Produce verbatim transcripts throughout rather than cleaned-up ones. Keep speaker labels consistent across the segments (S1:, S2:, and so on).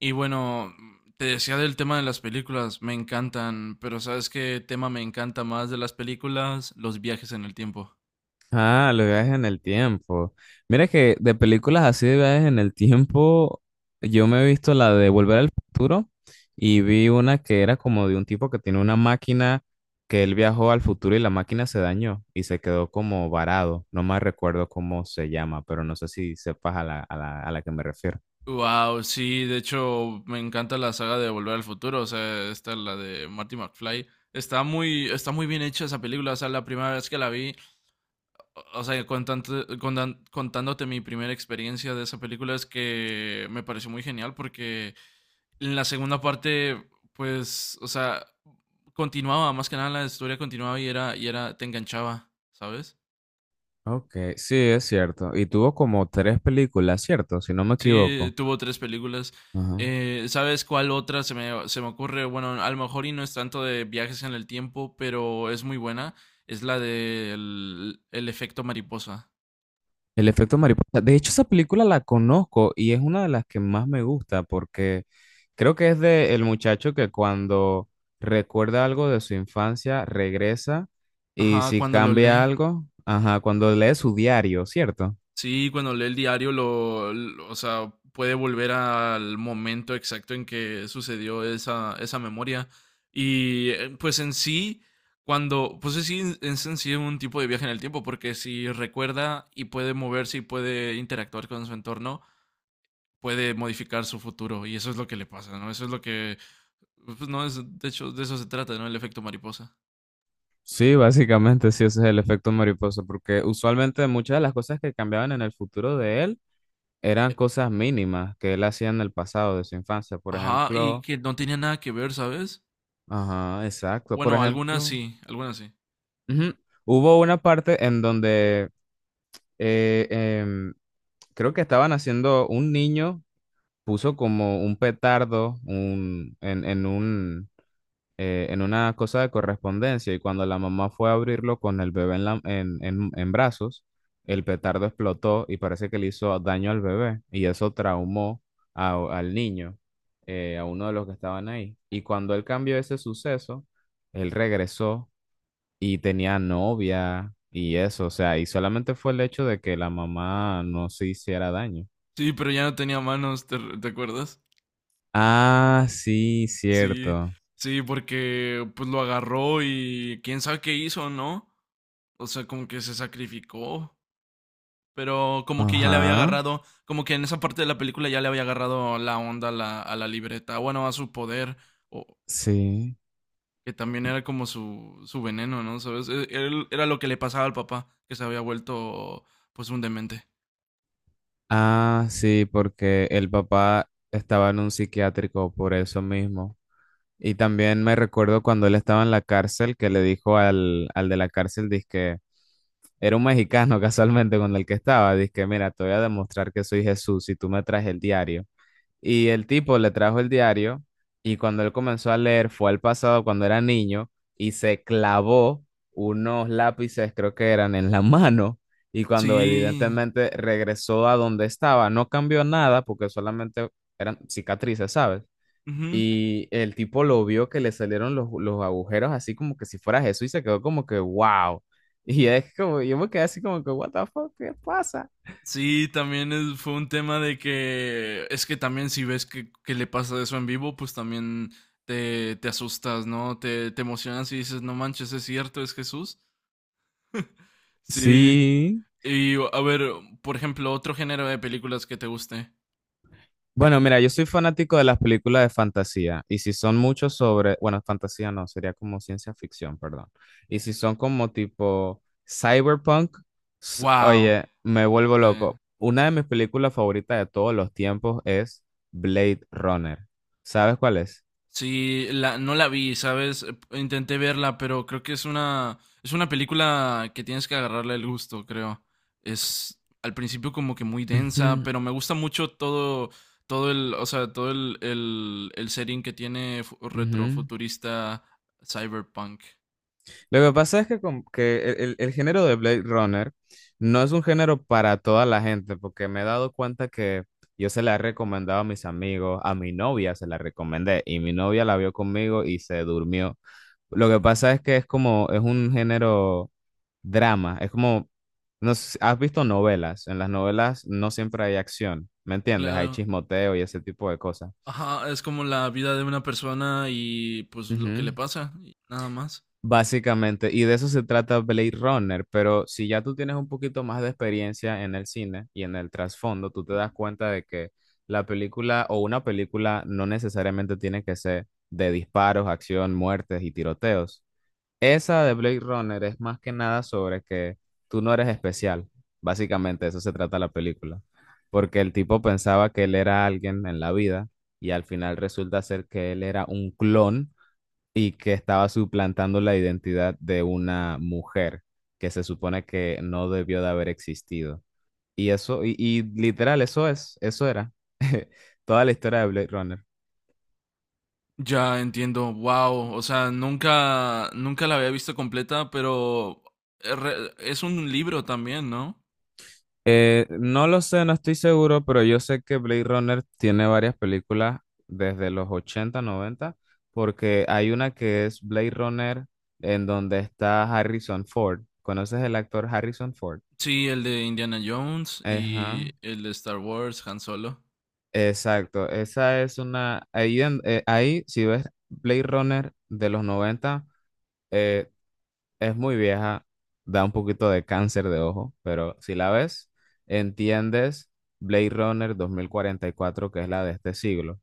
S1: Y bueno, te decía del tema de las películas, me encantan, pero ¿sabes qué tema me encanta más de las películas? Los viajes en el tiempo.
S2: Ah, los viajes en el tiempo. Mira que de películas así de viajes en el tiempo, yo me he visto la de Volver al Futuro y vi una que era como de un tipo que tiene una máquina que él viajó al futuro y la máquina se dañó y se quedó como varado. No más recuerdo cómo se llama, pero no sé si sepas a la, a la, a la que me refiero.
S1: Wow, sí, de hecho me encanta la saga de Volver al Futuro, o sea, esta la de Marty McFly. Está muy, está muy bien hecha esa película, o sea, la primera vez que la vi, o o sea, contante- contan- contándote mi primera experiencia de esa película es que me pareció muy genial porque en la segunda parte, pues, o sea, continuaba, más que nada la historia continuaba y era, y era, te enganchaba, ¿sabes?
S2: Ok, sí, es cierto. Y tuvo como tres películas, ¿cierto? Si no me
S1: Sí,
S2: equivoco.
S1: tuvo tres películas.
S2: Ajá.
S1: Eh, ¿Sabes cuál otra se me, se me ocurre? Bueno, a lo mejor y no es tanto de viajes en el tiempo, pero es muy buena. Es la del el efecto mariposa.
S2: El efecto mariposa. De hecho, esa película la conozco y es una de las que más me gusta porque creo que es de el muchacho que cuando recuerda algo de su infancia regresa y
S1: Ajá,
S2: si
S1: cuando lo
S2: cambia
S1: lee.
S2: algo, ajá, cuando lee su diario, ¿cierto?
S1: Sí, cuando lee el diario, lo, lo- o sea, puede volver al momento exacto en que sucedió esa, esa memoria. Y eh, pues en sí, cuando, pues es, sí- es en sí un tipo de viaje en el tiempo, porque si recuerda y puede moverse y puede interactuar con su entorno, puede modificar su futuro. Y eso es lo que le pasa, ¿no? Eso es lo que, pues no, es, de hecho, de eso se trata, ¿no? El efecto mariposa.
S2: Sí, básicamente sí, ese es el efecto mariposa porque usualmente muchas de las cosas que cambiaban en el futuro de él eran
S1: Eh,
S2: cosas mínimas que él hacía en el pasado de su infancia. Por
S1: Ajá, y
S2: ejemplo,
S1: que no tenía nada que ver, ¿sabes?
S2: ajá, exacto. Por
S1: Bueno, algunas
S2: ejemplo.
S1: sí, algunas sí.
S2: Ujú. Hubo una parte en donde eh, em, creo que estaban haciendo, un niño puso como un petardo un- en, en un, eh, en una cosa de correspondencia y cuando la mamá fue a abrirlo con el bebé en, la- en, en- en brazos, el petardo explotó y parece que le hizo daño al bebé y eso traumó a- al niño, eh, a uno de los que estaban ahí. Y cuando él cambió ese suceso, él regresó y tenía novia y eso, o sea, y solamente fue el hecho de que la mamá no se hiciera daño.
S1: Sí, pero ya no tenía manos, ¿te, te acuerdas?
S2: Ah, sí,
S1: Sí,
S2: cierto.
S1: sí, porque pues lo agarró y quién sabe qué hizo, ¿no? O sea, como que se sacrificó, pero como que ya le había
S2: Ajá,
S1: agarrado, como que en esa parte de la película ya le había agarrado la onda a la, a la libreta, bueno, a su poder, o
S2: sí.
S1: que también era como su, su veneno, ¿no? ¿Sabes? E- él- era lo que le pasaba al papá, que se había vuelto pues un demente.
S2: Ah, sí, porque el papá estaba en un psiquiátrico por eso mismo. Y también me recuerdo cuando él estaba en la cárcel que le dijo al, al de la cárcel, dizque, era un mexicano casualmente con el que estaba, dizque, mira, te voy a demostrar que soy Jesús si tú me traes el diario. Y el tipo le trajo el diario y cuando él comenzó a leer fue al pasado cuando era niño y se clavó unos lápices, creo que eran, en la mano. Y cuando
S1: Sí.
S2: evidentemente regresó a donde estaba, no cambió nada porque solamente eran cicatrices, ¿sabes? Y el tipo lo vio que le salieron los, los agujeros así como que si fuera Jesús y se quedó como que, wow. Y es como, yo me quedé así como que, what the fuck, ¿qué pasa?
S1: Sí, también es- fue un tema de que es que también si ves que, que le pasa eso en vivo, pues también te, te asustas, ¿no? Te, te emocionas y dices, no manches, es cierto, es Jesús. Sí.
S2: Sí.
S1: Y a ver, por ejemplo, otro género de películas que te guste.
S2: Bueno, mira, yo soy fanático de las películas de fantasía y si son muchos sobre, bueno, fantasía no, sería como ciencia ficción, perdón. Y si son como tipo cyberpunk, s-
S1: Wow.
S2: oye, me vuelvo
S1: Sí.
S2: loco. Una de mis películas favoritas de todos los tiempos es Blade Runner. ¿Sabes cuál es?
S1: Sí, la, no la vi, ¿sabes? Eh, Intenté verla, pero creo que es una, es una película que tienes que agarrarle el gusto, creo. Es al principio como que muy densa,
S2: Ujú,
S1: pero me gusta mucho todo, todo el, o sea, todo el, el, el setting que tiene fu-
S2: ujú.
S1: retrofuturista cyberpunk.
S2: Lo que pasa es que, com- que el, el- el género de Blade Runner no es un género para toda la gente, porque me he dado cuenta que yo se la he recomendado a mis amigos, a mi novia se la recomendé y mi novia la vio conmigo y se durmió. Lo que pasa es que es como, es un género drama, es como, no sé, ¿has visto novelas? En las novelas no siempre hay acción, ¿me entiendes? Hay
S1: Claro,
S2: chismoteo y ese tipo de cosas.
S1: ajá, es como la vida de una persona y pues lo que le
S2: Ujú.
S1: pasa, y nada más.
S2: Básicamente, y de eso se trata Blade Runner, pero si ya tú tienes un poquito más de experiencia en el cine y en el trasfondo, tú te das cuenta de que la película o una película no necesariamente tiene que ser de disparos, acción, muertes y tiroteos. Esa de Blade Runner es más que nada sobre que tú no eres especial. Básicamente, de eso se trata la película, porque el tipo pensaba que él era alguien en la vida y al final resulta ser que él era un clon y que estaba suplantando la identidad de una mujer que se supone que no debió de haber existido. Y eso, y, y literal, eso es, eso era toda la historia de Blade Runner.
S1: Ya entiendo, wow, o sea, nunca, nunca la había visto completa, pero es re- es un libro también, ¿no?
S2: Eh, no lo sé, no estoy seguro, pero yo sé que Blade Runner tiene varias películas desde los ochenta noventa porque hay una que es Blade Runner en donde está Harrison Ford. ¿Conoces el actor Harrison Ford?
S1: Sí, el de Indiana Jones y
S2: Ajá.
S1: el de Star Wars, Han Solo.
S2: Exacto, esa es una, ahí, en- eh, ahí si ves Blade Runner de los noventa eh, es muy vieja, da un poquito de cáncer de ojo, pero si la ves, entiendes Blade Runner dos mil cuarenta y cuatro que es la de este siglo,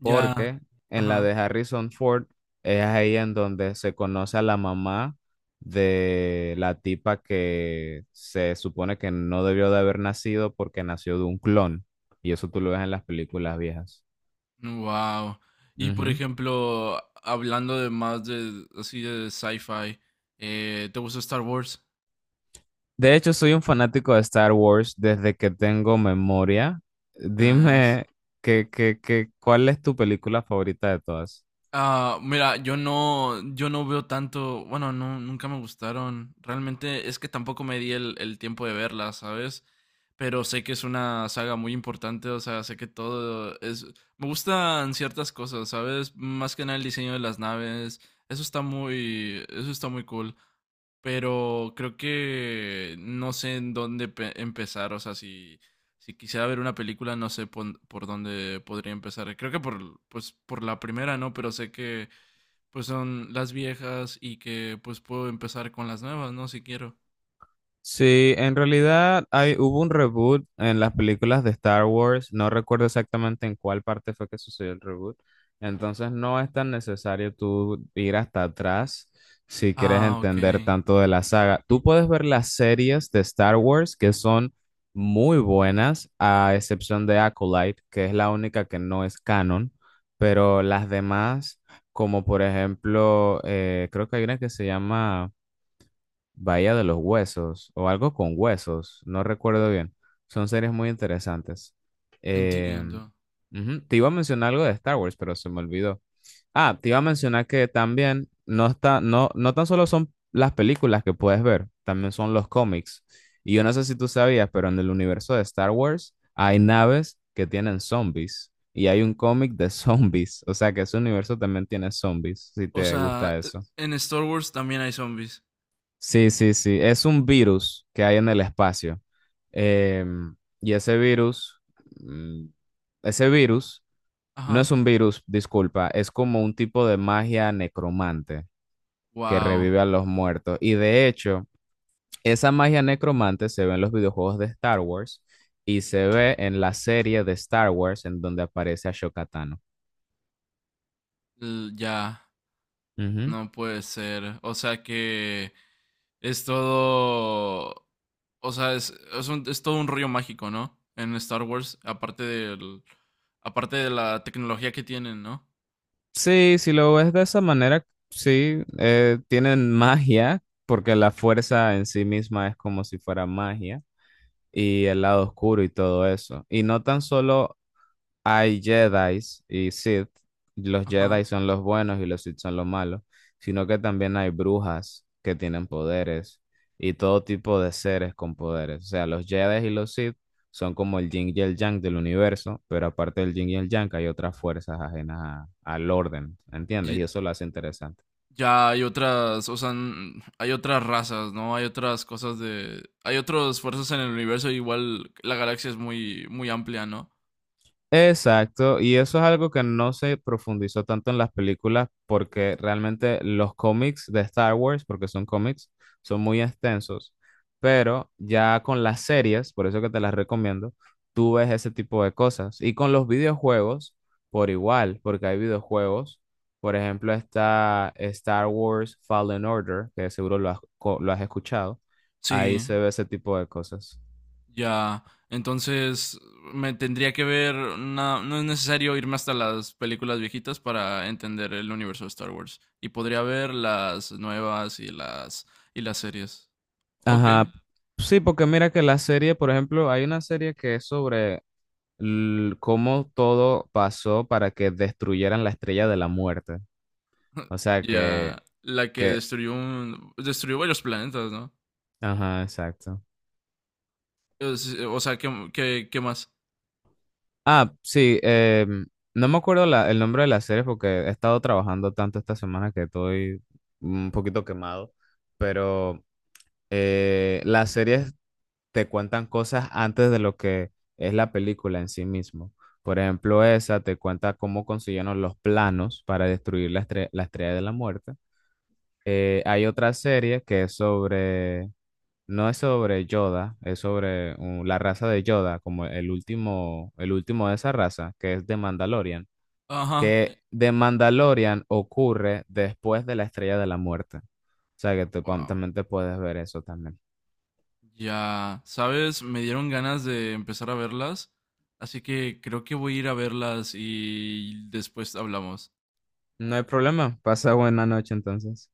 S1: Ya,
S2: porque en la
S1: ajá,
S2: de Harrison Ford es ahí en donde se conoce a la mamá de la tipa que se supone que no debió de haber nacido porque nació de un clon, y eso tú lo ves en las películas viejas.
S1: wow. Y por
S2: Ujú.
S1: ejemplo, hablando de más de, así de sci-fi, eh, ¿te gusta Star Wars?
S2: De hecho, soy un fanático de Star Wars desde que tengo memoria.
S1: Nice.
S2: Dime, ¿qué, qué, qué, cuál es tu película favorita de todas?
S1: Ah, mira, yo no, yo no veo tanto, bueno, no, nunca me gustaron. Realmente es que tampoco me di el, el tiempo de verlas, ¿sabes? Pero sé que es una saga muy importante, o sea, sé que todo es... Me gustan ciertas cosas, ¿sabes? Más que nada el diseño de las naves. Eso está muy, eso está muy cool, pero creo que no sé en dónde pe- empezar, o sea, si, si quisiera ver una película, no sé pon- por dónde podría empezar. Creo que por, pues, por la primera, ¿no? Pero sé que pues son las viejas y que pues puedo empezar con las nuevas, ¿no? Si quiero.
S2: Sí, en realidad hay, hubo un reboot en las películas de Star Wars, no recuerdo exactamente en cuál parte fue que sucedió el reboot, entonces no es tan necesario tú ir hasta atrás si quieres
S1: Ah, ok.
S2: entender tanto de la saga. Tú puedes ver las series de Star Wars que son muy buenas, a excepción de Acolyte, que es la única que no es canon, pero las demás, como por ejemplo, eh, creo que hay una que se llama... Bahía de los Huesos o algo con huesos, no recuerdo bien. Son series muy interesantes. Eh,
S1: Entiendo.
S2: ujú, te iba a mencionar algo de Star Wars, pero se me olvidó. Ah, te iba a mencionar que también no está, no, no tan solo son las películas que puedes ver, también son los cómics. Y yo no sé si tú sabías, pero en el universo de Star Wars hay naves que tienen zombies y hay un cómic de zombies, o sea que ese universo también tiene zombies, si
S1: O
S2: te
S1: sea,
S2: gusta
S1: eh,
S2: eso.
S1: en Star Wars también hay zombies.
S2: Sí, sí, sí. Es un virus que hay en el espacio. Em, y ese virus, mm, ese virus no
S1: Ajá.
S2: es un virus, disculpa, es como un tipo de magia necromante que
S1: Wow.
S2: revive a los muertos. Y de hecho, esa magia necromante se ve en los videojuegos de Star Wars y se ve en la serie de Star Wars en donde aparece a Tano.
S1: Ya. No puede ser. O sea que es todo. O sea, es, es, un- es todo un rollo mágico, ¿no? En Star Wars, aparte del. Aparte de la tecnología que tienen, ¿no?
S2: Sí, si lo ves de esa manera, sí, eh, tienen magia, porque la fuerza en sí misma es como si fuera magia, y el lado oscuro y todo eso. Y no tan solo hay Jedis y Sith. Los
S1: Ajá.
S2: Jedi son los buenos y los Sith son los malos, sino que también hay brujas que tienen poderes y todo tipo de seres con poderes. O sea, los Jedi y los Sith son como el yin y el yang del universo, pero aparte del yin y el yang hay otras fuerzas ajenas a- al orden, ¿entiendes? Y
S1: Y-
S2: eso lo hace interesante.
S1: ya hay otras. O sea, n- hay otras razas, ¿no? Hay otras cosas de. Hay otras fuerzas en el universo. Igual la galaxia es muy, muy amplia, ¿no?
S2: Exacto, y eso es algo que no se profundizó tanto en las películas porque realmente los cómics de Star Wars, porque son cómics, son muy extensos, pero ya con las series, por eso que te las recomiendo, tú ves ese tipo de cosas. Y con los videojuegos, por igual, porque hay videojuegos, por ejemplo, está Star Wars Fallen Order, que seguro lo has, co- lo has escuchado, ahí
S1: Sí.
S2: se ve ese tipo de cosas.
S1: Ya, entonces me tendría que ver, na- no es necesario irme hasta las películas viejitas para entender el universo de Star Wars y podría ver las nuevas y las y las series. Ok,
S2: Ajá. Sí, porque mira que la serie, por ejemplo, hay una serie que es sobre l- cómo todo pasó para que destruyeran la estrella de la muerte. O sea
S1: ya,
S2: que,
S1: la que
S2: que,
S1: destruyó un, destruyó varios planetas, ¿no?
S2: ajá, exacto.
S1: Es- o sea, ¿qué, qué, qué más?
S2: Ah, sí, em, no me acuerdo la- el nombre de la serie porque he estado trabajando tanto esta semana que estoy un poquito quemado, pero eh, la serie te cuentan cosas antes de lo que es la película en sí mismo. Por ejemplo, esa te cuenta cómo consiguieron los planos para destruir la, estre- la estrella de la muerte. Eh, hay otra serie que es sobre, no es sobre Yoda, es sobre uh, la raza de Yoda, como el último, el último de esa raza, que es de Mandalorian,
S1: Ajá. eh,
S2: que de Mandalorian ocurre después de la estrella de la muerte. O sea que te,
S1: Wow.
S2: también te puedes ver eso también.
S1: Ya, ¿sabes? Me dieron ganas de empezar a verlas, así que creo que voy a ir a verlas y después hablamos.
S2: No hay problema. Pasa buena noche entonces.